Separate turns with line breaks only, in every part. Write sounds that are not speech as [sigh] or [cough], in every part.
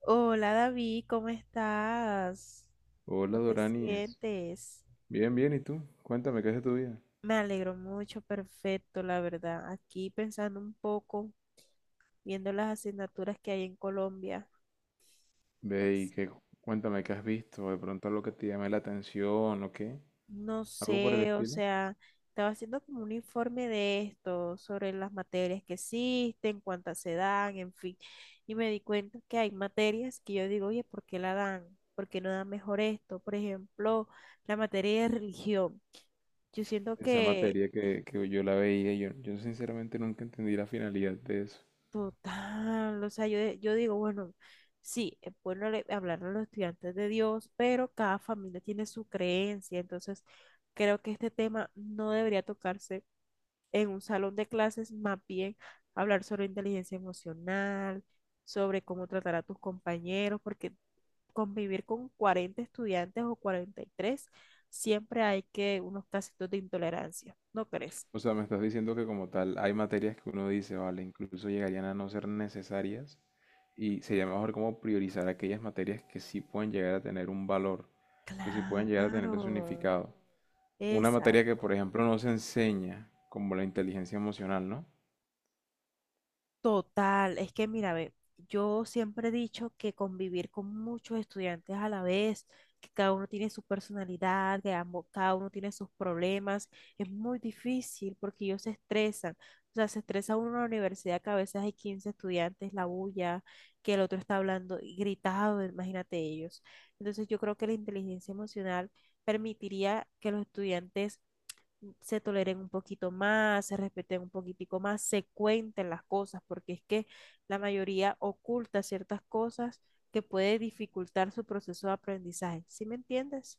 Hola David, ¿cómo estás?
Hola
¿Cómo te
Doranis,
sientes?
bien, bien, ¿y tú? Cuéntame qué es de tu vida.
Me alegro mucho, perfecto, la verdad. Aquí pensando un poco, viendo las asignaturas que hay en Colombia,
Ve y
pues,
que cuéntame qué has visto, de pronto algo que te llame la atención o qué,
no
algo por el
sé, o
estilo.
sea, estaba haciendo como un informe de esto, sobre las materias que existen, cuántas se dan, en fin, y me di cuenta que hay materias que yo digo, oye, ¿por qué la dan? ¿Por qué no dan mejor esto? Por ejemplo, la materia de religión. Yo siento
Esa
que
materia que yo la veía, yo sinceramente nunca entendí la finalidad de eso.
total, o sea, yo digo, bueno, sí, hablarle a los estudiantes de Dios, pero cada familia tiene su creencia, entonces creo que este tema no debería tocarse en un salón de clases, más bien hablar sobre inteligencia emocional, sobre cómo tratar a tus compañeros, porque convivir con 40 estudiantes o 43 siempre hay que unos casitos de intolerancia, ¿no crees?
O sea, me estás diciendo que como tal hay materias que uno dice, vale, incluso llegarían a no ser necesarias y sería mejor como priorizar aquellas materias que sí pueden llegar a tener un valor, que sí pueden llegar a tener un
Claro,
significado. Una materia que,
exacto.
por ejemplo, no se enseña, como la inteligencia emocional, ¿no?
Total, es que mira, ve, yo siempre he dicho que convivir con muchos estudiantes a la vez, que cada uno tiene su personalidad, que ambos, cada uno tiene sus problemas, es muy difícil porque ellos se estresan. O sea, se estresa uno en la universidad que a veces hay 15 estudiantes, la bulla, que el otro está hablando y gritado, imagínate ellos. Entonces yo creo que la inteligencia emocional permitiría que los estudiantes se toleren un poquito más, se respeten un poquitico más, se cuenten las cosas, porque es que la mayoría oculta ciertas cosas que puede dificultar su proceso de aprendizaje. ¿Sí me entiendes?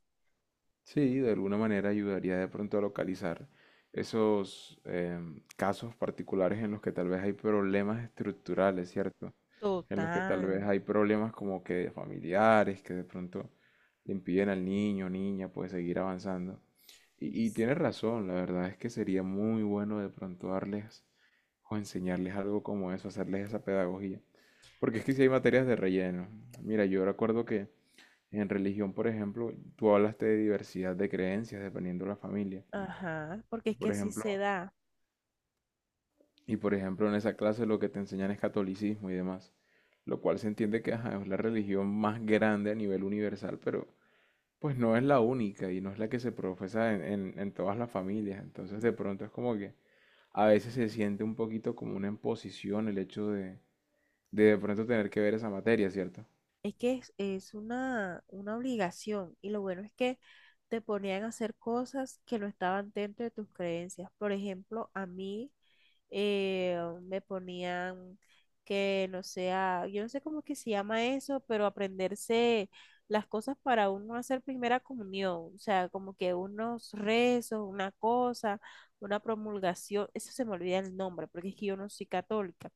Sí, de alguna manera ayudaría de pronto a localizar esos casos particulares en los que tal vez hay problemas estructurales, ¿cierto? En los que tal vez
Total.
hay problemas como que familiares, que de pronto le impiden al niño o niña pues seguir avanzando.
Y
Y
sí.
tienes razón, la verdad es que sería muy bueno de pronto darles o enseñarles algo como eso, hacerles esa pedagogía. Porque es que si hay materias de relleno. Mira, yo recuerdo que en religión, por ejemplo, tú hablaste de diversidad de creencias dependiendo de la familia.
Ajá, porque
Y
es que
por
así
ejemplo,
se da.
y por ejemplo, en esa clase lo que te enseñan es catolicismo y demás. Lo cual se entiende que ajá, es la religión más grande a nivel universal, pero pues no es la única y no es la que se profesa en, en todas las familias. Entonces de
Mm.
pronto es como que a veces se siente un poquito como una imposición el hecho de de pronto tener que ver esa materia, ¿cierto?
Es una obligación y lo bueno es que te ponían a hacer cosas que no estaban dentro de tus creencias. Por ejemplo, a mí eh, me ponían que no sea, yo no sé cómo es que se llama eso, pero aprenderse las cosas para uno hacer primera comunión, o sea, como que unos rezos, una cosa, una promulgación, eso se me olvida el nombre, porque es que yo no soy católica,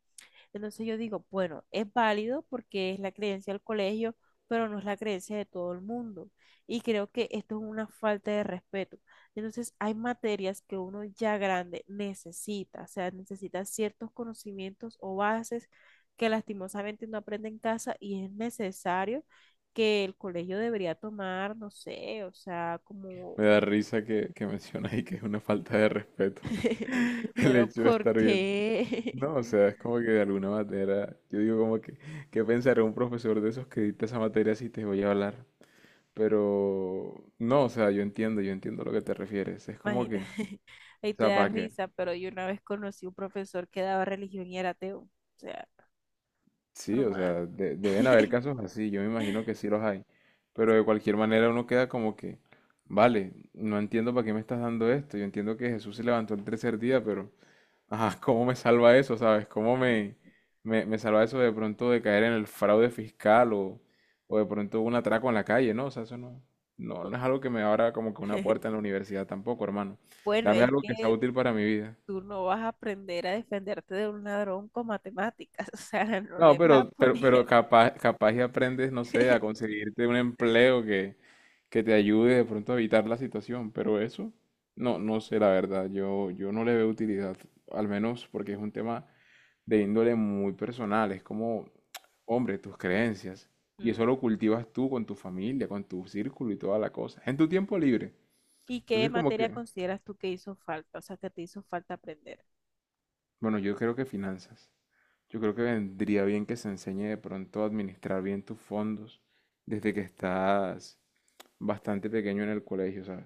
entonces yo digo, bueno, es válido porque es la creencia del colegio, pero no es la creencia de todo el mundo. Y creo que esto es una falta de respeto. Entonces hay materias que uno ya grande necesita, o sea, necesita ciertos conocimientos o bases que lastimosamente no aprende en casa y es necesario que el colegio debería tomar, no sé, o sea, como,
Me da risa que mencionas ahí que es una falta de respeto
[laughs]
[laughs] el
pero
hecho de
¿por
estar bien.
qué?
No, o
[laughs]
sea, es como que de alguna manera, yo digo como que ¿qué pensará un profesor de esos que dicta esa materia si te voy a hablar? Pero no, o sea, yo entiendo a lo que te refieres. Es como
Imagina,
que, o
[laughs] ahí te
sea,
da
¿para qué?
risa, pero yo una vez conocí un profesor que daba religión y era ateo. O sea,
Sí, o
normal.
sea, de- deben haber
[laughs]
casos así, yo me imagino que sí los hay. Pero de cualquier manera uno queda como que vale, no entiendo para qué me estás dando esto. Yo entiendo que Jesús se levantó el tercer día, pero ajá, ¿cómo me salva eso, sabes? ¿Cómo me, me salva eso de pronto de caer en el fraude fiscal o de pronto un atraco en la calle, ¿no? O sea, eso no, no, no es algo que me abra como que una puerta en la universidad tampoco, hermano.
Bueno,
Dame
es
algo que sea
que
útil para mi vida.
tú no vas a aprender a defenderte de un ladrón con matemáticas, [laughs] o sea, no
No,
le vas a
pero
poner.
capaz, capaz y aprendes, no sé, a
[laughs]
conseguirte un empleo que te ayude de pronto a evitar la situación, pero eso, no, no sé, la verdad, yo no le veo utilidad, al menos porque es un tema de índole muy personal. Es como, hombre, tus creencias. Y eso
Mm.
lo cultivas tú con tu familia, con tu círculo y toda la cosa. En tu tiempo libre.
¿Y qué
Entonces, como que,
materia consideras tú que hizo falta, o sea, que te hizo falta aprender?
bueno, yo creo que finanzas. Yo creo que vendría bien que se enseñe de pronto a administrar bien tus fondos desde que estás bastante pequeño en el colegio, ¿sabes?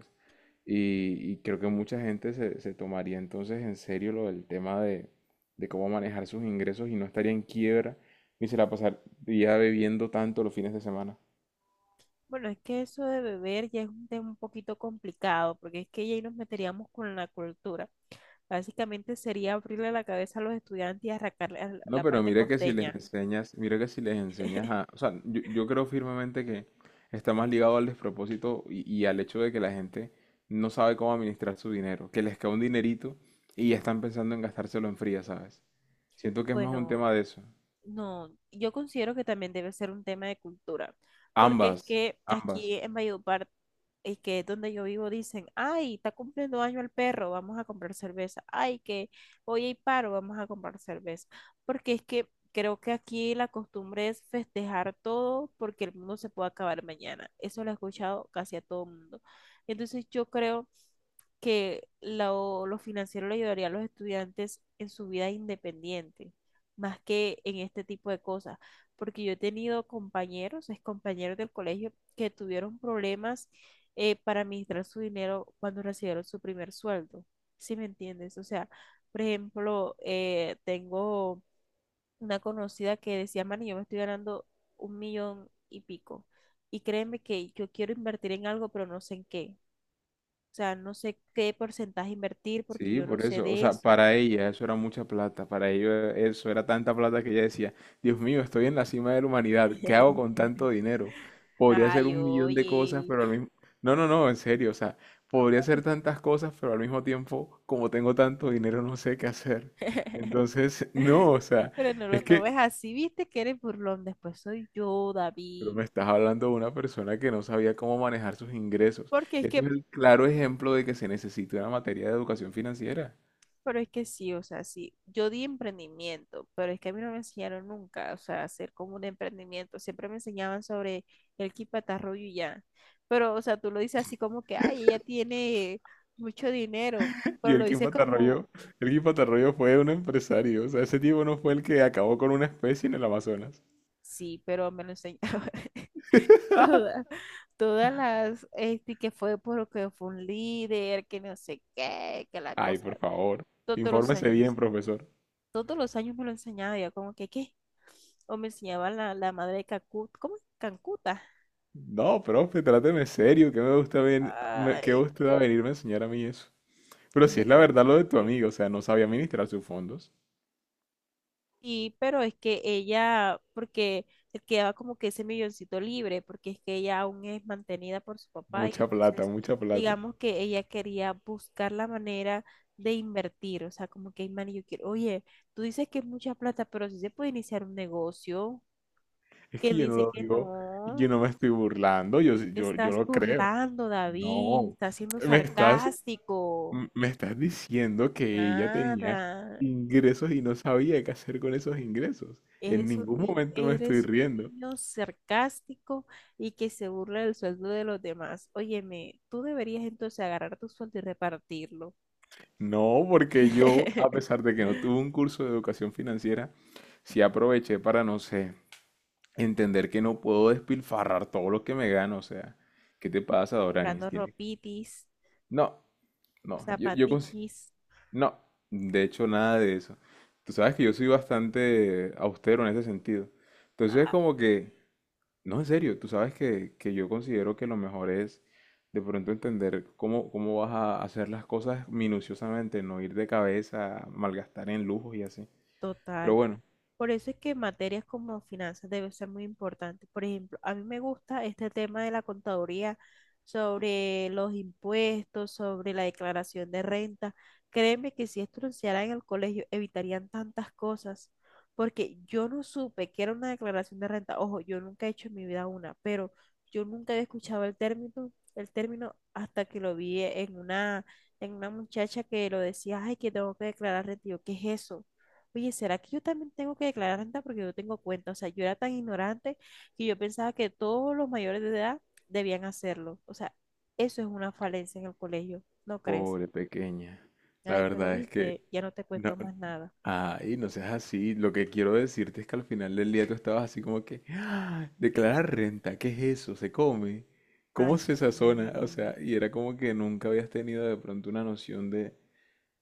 Y creo que mucha gente se tomaría entonces en serio lo del tema de cómo manejar sus ingresos y no estaría en quiebra ni se la pasaría bebiendo tanto los fines de semana.
Bueno, es que eso de beber ya es un tema un poquito complicado, porque es que ya ahí nos meteríamos con la cultura. Básicamente sería abrirle la cabeza a los estudiantes y arrancarle a
No,
la
pero
parte
mira que si les
costeña.
enseñas, mira que si les enseñas a, o sea, yo creo firmemente que está más ligado al despropósito y al hecho de que la gente no sabe cómo administrar su dinero, que les cae un dinerito y ya están pensando en gastárselo en fría, ¿sabes? Siento que es más un
Bueno,
tema de eso.
no, yo considero que también debe ser un tema de cultura, porque es
Ambas,
que
ambas.
aquí en Valledupar, es que es donde yo vivo, dicen, ay, está cumpliendo año el perro, vamos a comprar cerveza, ay, que hoy hay paro, vamos a comprar cerveza, porque es que creo que aquí la costumbre es festejar todo porque el mundo se puede acabar mañana, eso lo he escuchado casi a todo el mundo. Entonces yo creo que lo financiero le ayudaría a los estudiantes en su vida independiente, más que en este tipo de cosas, porque yo he tenido compañeros, ex compañeros del colegio, que tuvieron problemas para administrar su dinero cuando recibieron su primer sueldo, ¿sí me entiendes? O sea, por ejemplo, tengo una conocida que decía, Mani, yo me estoy ganando 1 millón y pico. Y créeme que yo quiero invertir en algo, pero no sé en qué. O sea, no sé qué porcentaje invertir porque
Sí,
yo no
por
sé
eso. O
de
sea,
eso.
para ella eso era mucha plata. Para ellos eso era tanta plata que ella decía, Dios mío, estoy en la cima de la humanidad. ¿Qué hago con
[laughs]
tanto dinero? Podría hacer
Ay,
un millón de cosas,
oye.
pero al mismo... No, no, no, en serio. O sea, podría hacer
Ay.
tantas cosas, pero al mismo tiempo, como tengo tanto dinero, no sé qué hacer.
[laughs]
Entonces, [laughs] no, o sea,
Pero no lo
es
tomes
que...
así, viste que eres burlón, después soy yo,
Pero
David.
me estás hablando de una persona que no sabía cómo manejar sus ingresos.
Porque es
Eso es
que,
el claro ejemplo de que se necesita una materia de educación financiera.
pero es que sí, o sea, sí, yo di emprendimiento, pero es que a mí no me enseñaron nunca, o sea, hacer como un emprendimiento, siempre me enseñaban sobre el quipatarrullo y ya. Pero, o sea, tú lo dices así como que, ay, ella tiene mucho dinero,
[laughs] Y
pero lo dices como,
El Kim Patarroyo fue un empresario. O sea, ese tipo no fue el que acabó con una especie en el Amazonas.
sí, pero me lo enseñaba. [laughs]
[laughs]
Toda- todas las, este, que fue porque fue un líder, que no sé qué, que la
Ay,
cosa,
por favor.
todos los
Infórmese bien,
años,
profesor.
todos los años me lo enseñaba, yo como que, ¿qué? O me enseñaba la, la madre de Cacut, ¿cómo es? Cancuta.
No, profe, tráteme serio, que me gusta ven, me- que
Ay,
usted va a venirme a enseñar a mí eso. Pero
yo
si
me
es la
quedaba
verdad lo de tu
así.
amigo, o sea, no sabía administrar sus fondos.
Sí, pero es que ella, porque le quedaba como que ese milloncito libre, porque es que ella aún es mantenida por su papá y
Mucha plata,
entonces
mucha plata.
digamos que ella quería buscar la manera de invertir, o sea, como que, "Ay, man, yo quiero, oye, tú dices que es mucha plata, pero si se puede iniciar un negocio,
Es
que
que
él
yo no
dice
lo
que
digo, yo
no,
no me estoy burlando, yo,
y
sí-
te
yo
estás
lo creo.
burlando, David,
No,
estás siendo
me estás
sarcástico,
M- me estás diciendo que ella tenía
nada.
ingresos y no sabía qué hacer con esos ingresos. En ningún momento me estoy
Eres un
riendo.
niño sarcástico y que se burla del sueldo de los demás. Óyeme, tú deberías entonces agarrar tu sueldo y repartirlo.
No, porque yo, a
[laughs]
pesar de que no tuve un curso de educación financiera, sí aproveché para, no sé, entender que no puedo despilfarrar todo lo que me gano. O sea, ¿qué te pasa, Doranis?
Comprando
Tiene-
ropitis,
no, no, yo consi-
zapatiquis.
no, de hecho, nada de eso. Tú sabes que yo soy bastante austero en ese sentido. Entonces,
Ah,
como que no, en serio, tú sabes que yo considero que lo mejor es de pronto entender cómo, cómo vas a hacer las cosas minuciosamente, no ir de cabeza, malgastar en lujos y así. Pero
total.
bueno,
Por eso es que materias como finanzas deben ser muy importantes. Por ejemplo, a mí me gusta este tema de la contaduría sobre los impuestos, sobre la declaración de renta. Créeme que si esto lo enseñaran en el colegio, evitarían tantas cosas, porque yo no supe que era una declaración de renta. Ojo, yo nunca he hecho en mi vida una, pero yo nunca había escuchado el término hasta que lo vi en una muchacha que lo decía, ay, que tengo que declarar renta. Y yo, ¿qué es eso? Oye, ¿será que yo también tengo que declarar renta porque yo tengo cuenta? O sea, yo era tan ignorante que yo pensaba que todos los mayores de edad debían hacerlo. O sea, eso es una falencia en el colegio, ¿no crees?
pobre pequeña, la
Ay, pero
verdad es que
viste, ya no te
no,
cuento más nada.
ay, no seas así. Lo que quiero decirte es que al final del día tú estabas así como que, "Ah, declarar renta, ¿qué es eso? ¿Se come? ¿Cómo
Ay,
se sazona? O sea,
sí,
y era como que nunca habías tenido de pronto una noción de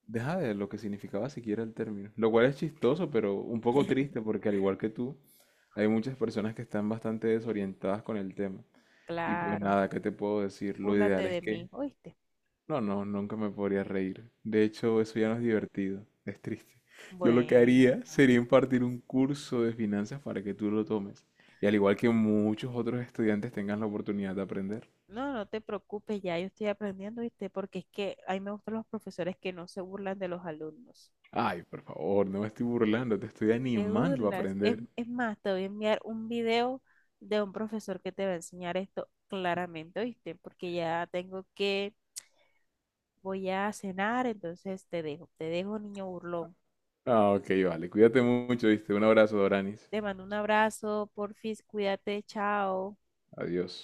Deja de lo que significaba siquiera el término. Lo cual es chistoso, pero un poco triste porque al igual que tú, hay muchas personas que están bastante desorientadas con el tema. Y pues
claro.
nada, ¿qué te puedo decir? Lo
Búrlate
ideal es
de mí,
que...
¿oíste?
No, no, nunca me podría reír. De hecho, eso ya no es divertido. Es triste. Yo lo que haría
Bueno,
sería impartir un curso de finanzas para que tú lo tomes. Y al igual que muchos otros estudiantes tengan la oportunidad de aprender.
no, no te preocupes, ya yo estoy aprendiendo, ¿viste? Porque es que a mí me gustan los profesores que no se burlan de los alumnos.
Ay, por favor, no me estoy burlando, te estoy
Te
animando a
burlas.
aprender.
Es más, te voy a enviar un video de un profesor que te va a enseñar esto claramente, ¿oíste? Porque ya tengo que, voy a cenar, entonces te dejo, niño burlón.
Ah, ok, vale. Cuídate mucho, ¿viste? Un abrazo, Doranis.
Te mando un abrazo, porfis, cuídate, chao.
Adiós.